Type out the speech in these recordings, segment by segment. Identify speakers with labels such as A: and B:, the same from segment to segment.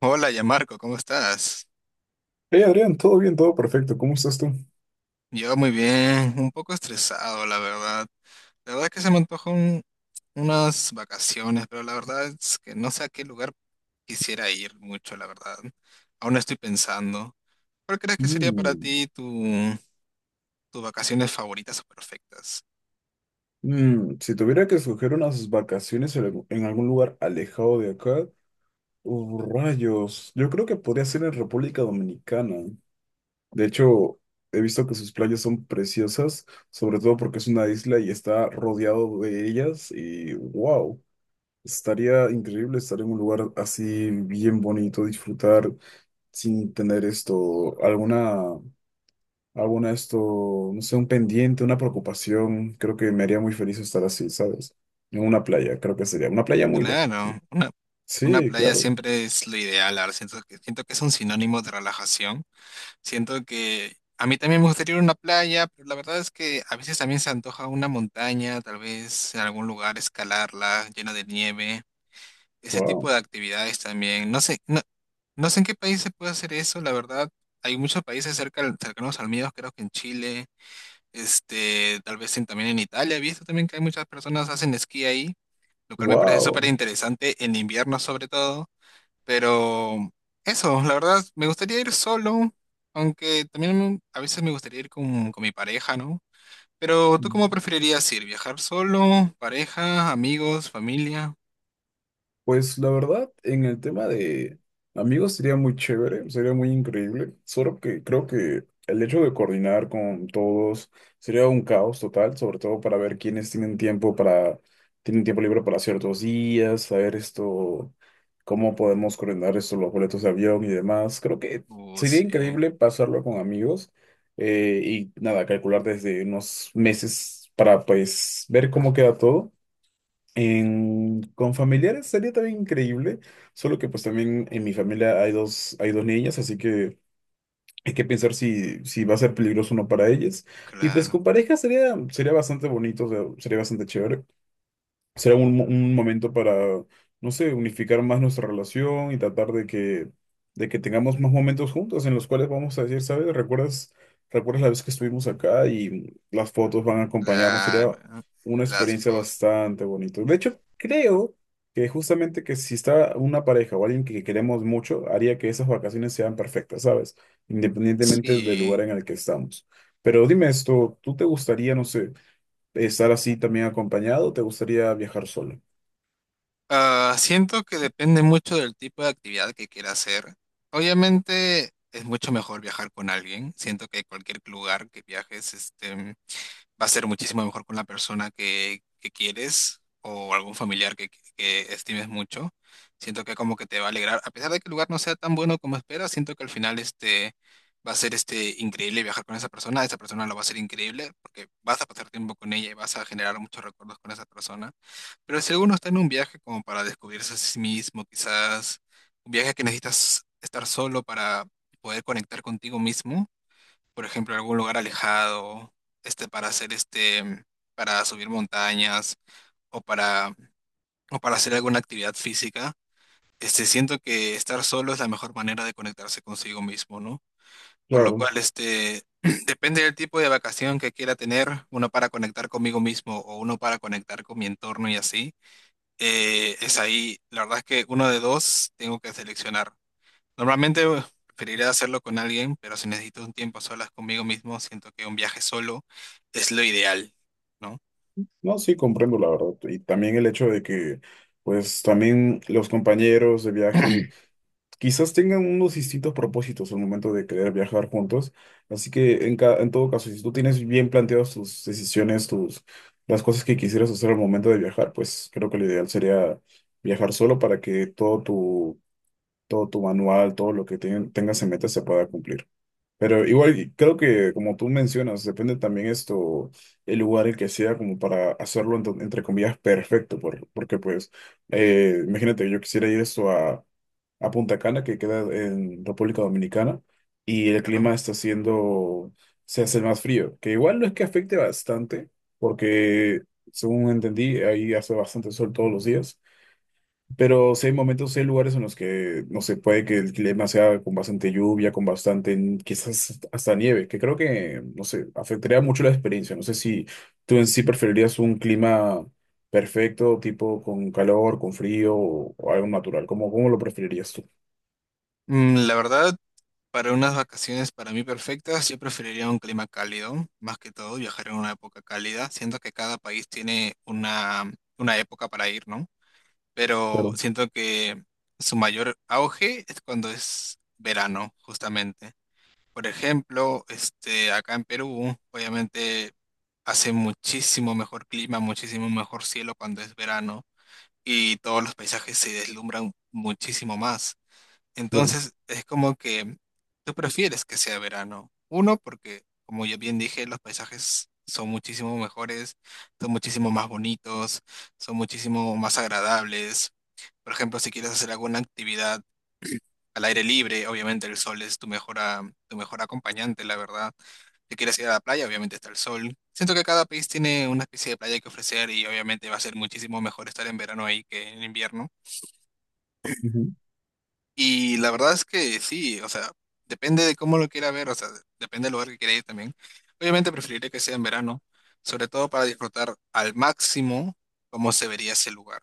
A: Hola, ya Marco, ¿cómo estás?
B: Hey Adrián, todo bien, todo perfecto. ¿Cómo estás tú?
A: Yo muy bien, un poco estresado, la verdad. La verdad es que se me antojan unas vacaciones, pero la verdad es que no sé a qué lugar quisiera ir mucho, la verdad. Aún no estoy pensando. ¿Cuál crees que sería para
B: Mm.
A: ti tus vacaciones favoritas o perfectas?
B: Si tuviera que escoger unas vacaciones en en algún lugar alejado de acá, rayos, yo creo que podría ser en República Dominicana. De hecho, he visto que sus playas son preciosas, sobre todo porque es una isla y está rodeado de ellas, y wow, estaría increíble estar en un lugar así bien bonito, disfrutar sin tener esto, alguna... Hago esto, no sé, un pendiente, una preocupación. Creo que me haría muy feliz estar así, ¿sabes? En una playa, creo que sería una playa muy lejos.
A: Claro, una
B: Sí,
A: playa
B: claro.
A: siempre es lo ideal, ahora siento que es un sinónimo de relajación. Siento que a mí también me gustaría ir a una playa, pero la verdad es que a veces también se antoja una montaña, tal vez en algún lugar escalarla, llena de nieve, ese tipo
B: Wow.
A: de actividades también. No sé, no, no sé en qué país se puede hacer eso, la verdad. Hay muchos países cerca, cercanos al mío, creo que en Chile, este, tal vez también en Italia. He visto también que hay muchas personas hacen esquí ahí, lo cual me parece súper
B: Wow.
A: interesante en invierno sobre todo. Pero eso, la verdad, me gustaría ir solo, aunque también a veces me gustaría ir con mi pareja, ¿no? Pero ¿tú cómo preferirías ir? ¿Viajar solo, pareja, amigos, familia?
B: Pues la verdad, en el tema de amigos sería muy chévere, sería muy increíble, solo que creo que el hecho de coordinar con todos sería un caos total, sobre todo para ver quiénes tienen tiempo para, tienen tiempo libre para ciertos días, saber esto, cómo podemos coordinar esto, los boletos de avión y demás. Creo que sería
A: Sí,
B: increíble pasarlo con amigos, y nada, calcular desde unos meses para pues ver cómo queda todo. En- con familiares sería también increíble, solo que pues también en mi familia hay dos, niñas, así que hay que pensar si, si va a ser peligroso o no para ellas. Y pues
A: claro,
B: con pareja sería bastante bonito, o sea, sería bastante chévere, será un, un momento para, no sé, unificar más nuestra relación y tratar de que tengamos más momentos juntos en los cuales vamos a decir, ¿sabes? recuerdas la vez que estuvimos acá y las fotos van a acompañarnos?
A: claro.
B: Sería
A: ¿No?
B: una
A: Las
B: experiencia
A: fotos.
B: bastante bonita. De hecho, creo que justamente que si está una pareja o alguien que queremos mucho, haría que esas vacaciones sean perfectas, ¿sabes? Independientemente del lugar
A: Sí.
B: en el que estamos. Pero dime esto, ¿tú te gustaría, no sé, estar así también acompañado, te gustaría viajar solo?
A: Siento que depende mucho del tipo de actividad que quiera hacer. Obviamente es mucho mejor viajar con alguien. Siento que cualquier lugar que viajes, este, va a ser muchísimo mejor con la persona que quieres o algún familiar que estimes mucho. Siento que como que te va a alegrar, a pesar de que el lugar no sea tan bueno como esperas, siento que al final este va a ser este increíble viajar con esa persona lo va a ser increíble porque vas a pasar tiempo con ella y vas a generar muchos recuerdos con esa persona. Pero si alguno está en un viaje como para descubrirse a sí mismo, quizás un viaje que necesitas estar solo para poder conectar contigo mismo, por ejemplo, algún lugar alejado, este, para hacer este, para subir montañas o para, o para hacer alguna actividad física, este, siento que estar solo es la mejor manera de conectarse consigo mismo, ¿no? Por lo
B: Claro,
A: cual, este, depende del tipo de vacación que quiera tener, uno para conectar conmigo mismo o uno para conectar con mi entorno y así, es ahí, la verdad es que uno de dos tengo que seleccionar. Normalmente preferiría hacerlo con alguien, pero si necesito un tiempo a solas conmigo mismo, siento que un viaje solo es lo ideal, ¿no?
B: no, sí, comprendo la verdad. Y también el hecho de que, pues, también los compañeros de viaje quizás tengan unos distintos propósitos al momento de querer viajar juntos. Así que, en todo caso, si tú tienes bien planteadas tus decisiones, tus, las cosas que quisieras hacer al momento de viajar, pues creo que lo ideal sería viajar solo para que todo tu, manual, todo lo que tengas en mente se pueda cumplir. Pero igual creo que como tú mencionas, depende también esto, el lugar el que sea como para hacerlo entre comillas perfecto, porque pues imagínate, yo quisiera ir esto a Punta Cana, que queda en República Dominicana, y el
A: Pero no.
B: clima está siendo, se hace más frío, que igual no es que afecte bastante, porque según entendí, ahí hace bastante sol todos los días. Pero sí hay momentos, sí hay lugares en los que, no sé, puede que el clima sea con bastante lluvia, con bastante, quizás hasta nieve, que creo que, no sé, afectaría mucho la experiencia. No sé si tú en sí preferirías un clima perfecto, tipo con calor, con frío, o algo natural. cómo, lo preferirías tú?
A: Mm, la verdad, para unas vacaciones para mí perfectas, yo preferiría un clima cálido, más que todo viajar en una época cálida. Siento que cada país tiene una época para ir, ¿no? Pero
B: Claro,
A: siento que su mayor auge es cuando es verano, justamente. Por ejemplo, este, acá en Perú, obviamente hace muchísimo mejor clima, muchísimo mejor cielo cuando es verano y todos los paisajes se deslumbran muchísimo más.
B: claro.
A: Entonces, es como que tú prefieres que sea verano. Uno, porque, como ya bien dije, los paisajes son muchísimo mejores, son muchísimo más bonitos, son muchísimo más agradables. Por ejemplo, si quieres hacer alguna actividad al aire libre, obviamente el sol es tu mejor, tu mejor acompañante, la verdad. Si quieres ir a la playa, obviamente está el sol. Siento que cada país tiene una especie de playa que ofrecer y obviamente va a ser muchísimo mejor estar en verano ahí que en invierno.
B: Ujú.
A: Y la verdad es que sí, o sea, depende de cómo lo quiera ver, o sea, depende del lugar que quiera ir también. Obviamente preferiré que sea en verano, sobre todo para disfrutar al máximo cómo se vería ese lugar.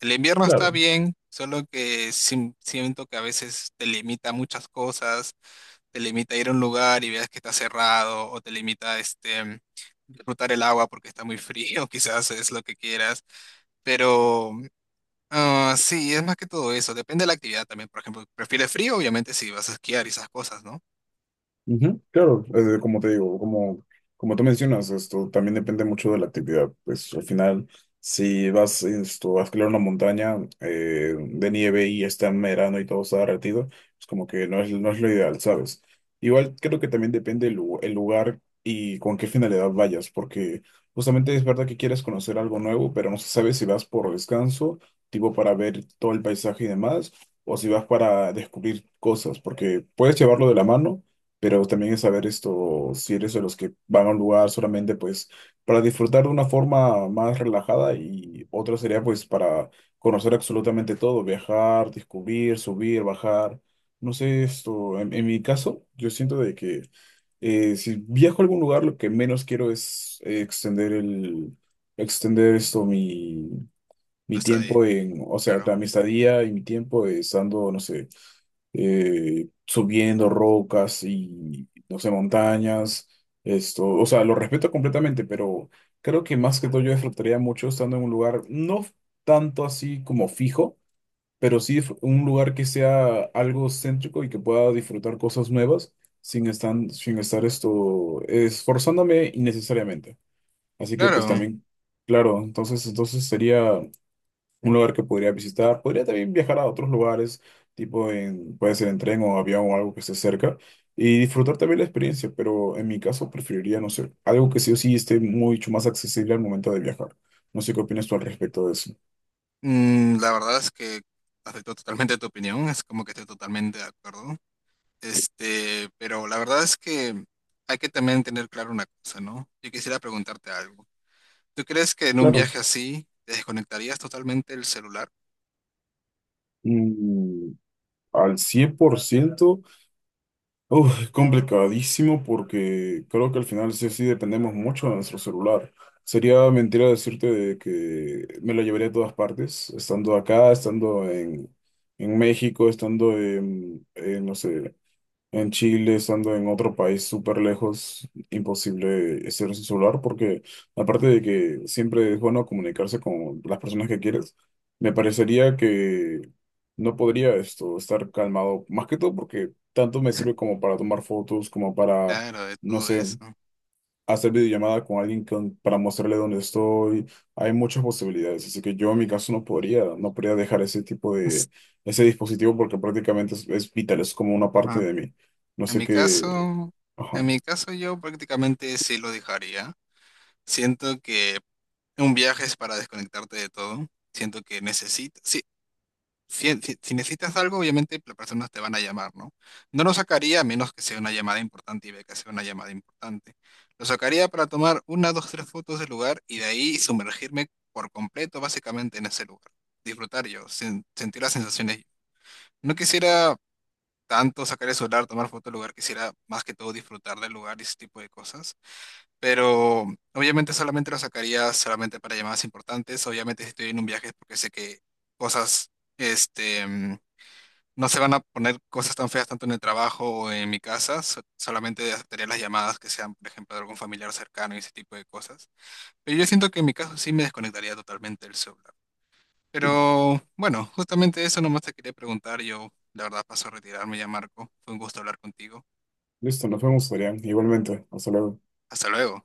A: El invierno está
B: Claro.
A: bien, solo que siento que a veces te limita muchas cosas, te limita a ir a un lugar y veas que está cerrado, o te limita este, disfrutar el agua porque está muy frío, quizás es lo que quieras, pero sí, es más que todo eso, depende de la actividad también, por ejemplo, ¿prefieres frío? Obviamente si vas a esquiar y esas cosas, ¿no?
B: Ujú, claro, como te digo, como tú mencionas, esto también depende mucho de la actividad. Pues al final, si vas esto, a escalar una montaña, de nieve, y está en verano y todo está derretido, pues como que no es lo ideal, ¿sabes? Igual creo que también depende el lugar y con qué finalidad vayas, porque justamente es verdad que quieres conocer algo nuevo, pero no se sabe si vas por descanso, tipo para ver todo el paisaje y demás, o si vas para descubrir cosas, porque puedes llevarlo de la mano, pero también es saber esto, si eres de los que van a un lugar solamente pues para disfrutar de una forma más relajada, y otra sería pues para conocer absolutamente todo, viajar, descubrir, subir, bajar. No sé, esto, en, mi caso, yo siento de que si viajo a algún lugar, lo que menos quiero es extender el, extender esto, mi,
A: Tú
B: mi
A: está de,
B: tiempo en, o sea,
A: claro,
B: claro, mi estadía y mi tiempo estando, no sé, subiendo rocas y, no sé, montañas, esto, o sea, lo respeto completamente, pero creo que más que todo yo disfrutaría mucho estando en un lugar, no tanto así como fijo, pero sí un lugar que sea algo céntrico y que pueda disfrutar cosas nuevas sin estar, esto esforzándome innecesariamente. Así que pues
A: claro.
B: también, claro, entonces sería un lugar que podría visitar. Podría también viajar a otros lugares, tipo en, puede ser en tren o avión o algo que esté cerca, y disfrutar también la experiencia, pero en mi caso preferiría, no sé, algo que sí o sí esté mucho más accesible al momento de viajar. No sé qué opinas tú al respecto de eso.
A: Mm, la verdad es que acepto totalmente tu opinión, es como que estoy totalmente de acuerdo, este, pero la verdad es que hay que también tener claro una cosa, ¿no? Yo quisiera preguntarte algo. ¿Tú crees que en un
B: Claro.
A: viaje así te desconectarías totalmente el celular?
B: Mm, Al 100%. Uf, es complicadísimo porque creo que al final sí o sí dependemos mucho de nuestro celular. Sería mentira decirte de que me lo llevaría a todas partes, estando acá, estando en, México, estando en, no sé. En Chile, estando en otro país súper lejos, imposible ser su celular, porque aparte de que siempre es bueno comunicarse con las personas que quieres, me parecería que no podría esto estar calmado, más que todo porque tanto me sirve como para tomar fotos, como para,
A: Claro, de
B: no
A: todo
B: sé,
A: eso.
B: hacer videollamada con alguien para mostrarle dónde estoy. Hay muchas posibilidades, así que yo en mi caso no podría, dejar ese tipo
A: Es-
B: de, ese dispositivo porque prácticamente es vital, es como una parte
A: ajá.
B: de mí. No
A: En
B: sé
A: mi
B: qué.
A: caso,
B: Ajá.
A: en mi caso, yo prácticamente sí lo dejaría. Siento que un viaje es para desconectarte de todo. Siento que necesitas. Sí, si necesitas algo, obviamente las personas te van a llamar, ¿no? No lo sacaría a menos que sea una llamada importante y vea que sea una llamada importante. Lo sacaría para tomar una, dos, tres fotos del lugar y de ahí sumergirme por completo, básicamente, en ese lugar. Disfrutar yo, sentir las sensaciones. No quisiera tanto sacar el celular, tomar fotos del lugar, quisiera más que todo disfrutar del lugar y ese tipo de cosas. Pero obviamente solamente lo sacaría solamente para llamadas importantes. Obviamente si estoy en un viaje es porque sé que cosas este, no se van a poner cosas tan feas tanto en el trabajo o en mi casa, solamente aceptaría las llamadas que sean, por ejemplo, de algún familiar cercano y ese tipo de cosas. Pero yo siento que en mi caso sí me desconectaría totalmente del celular. Pero bueno, justamente eso nomás te quería preguntar. Yo, la verdad, paso a retirarme ya, Marco. Fue un gusto hablar contigo.
B: Listo, nos vemos, Adrián. Igualmente, hasta luego.
A: Hasta luego.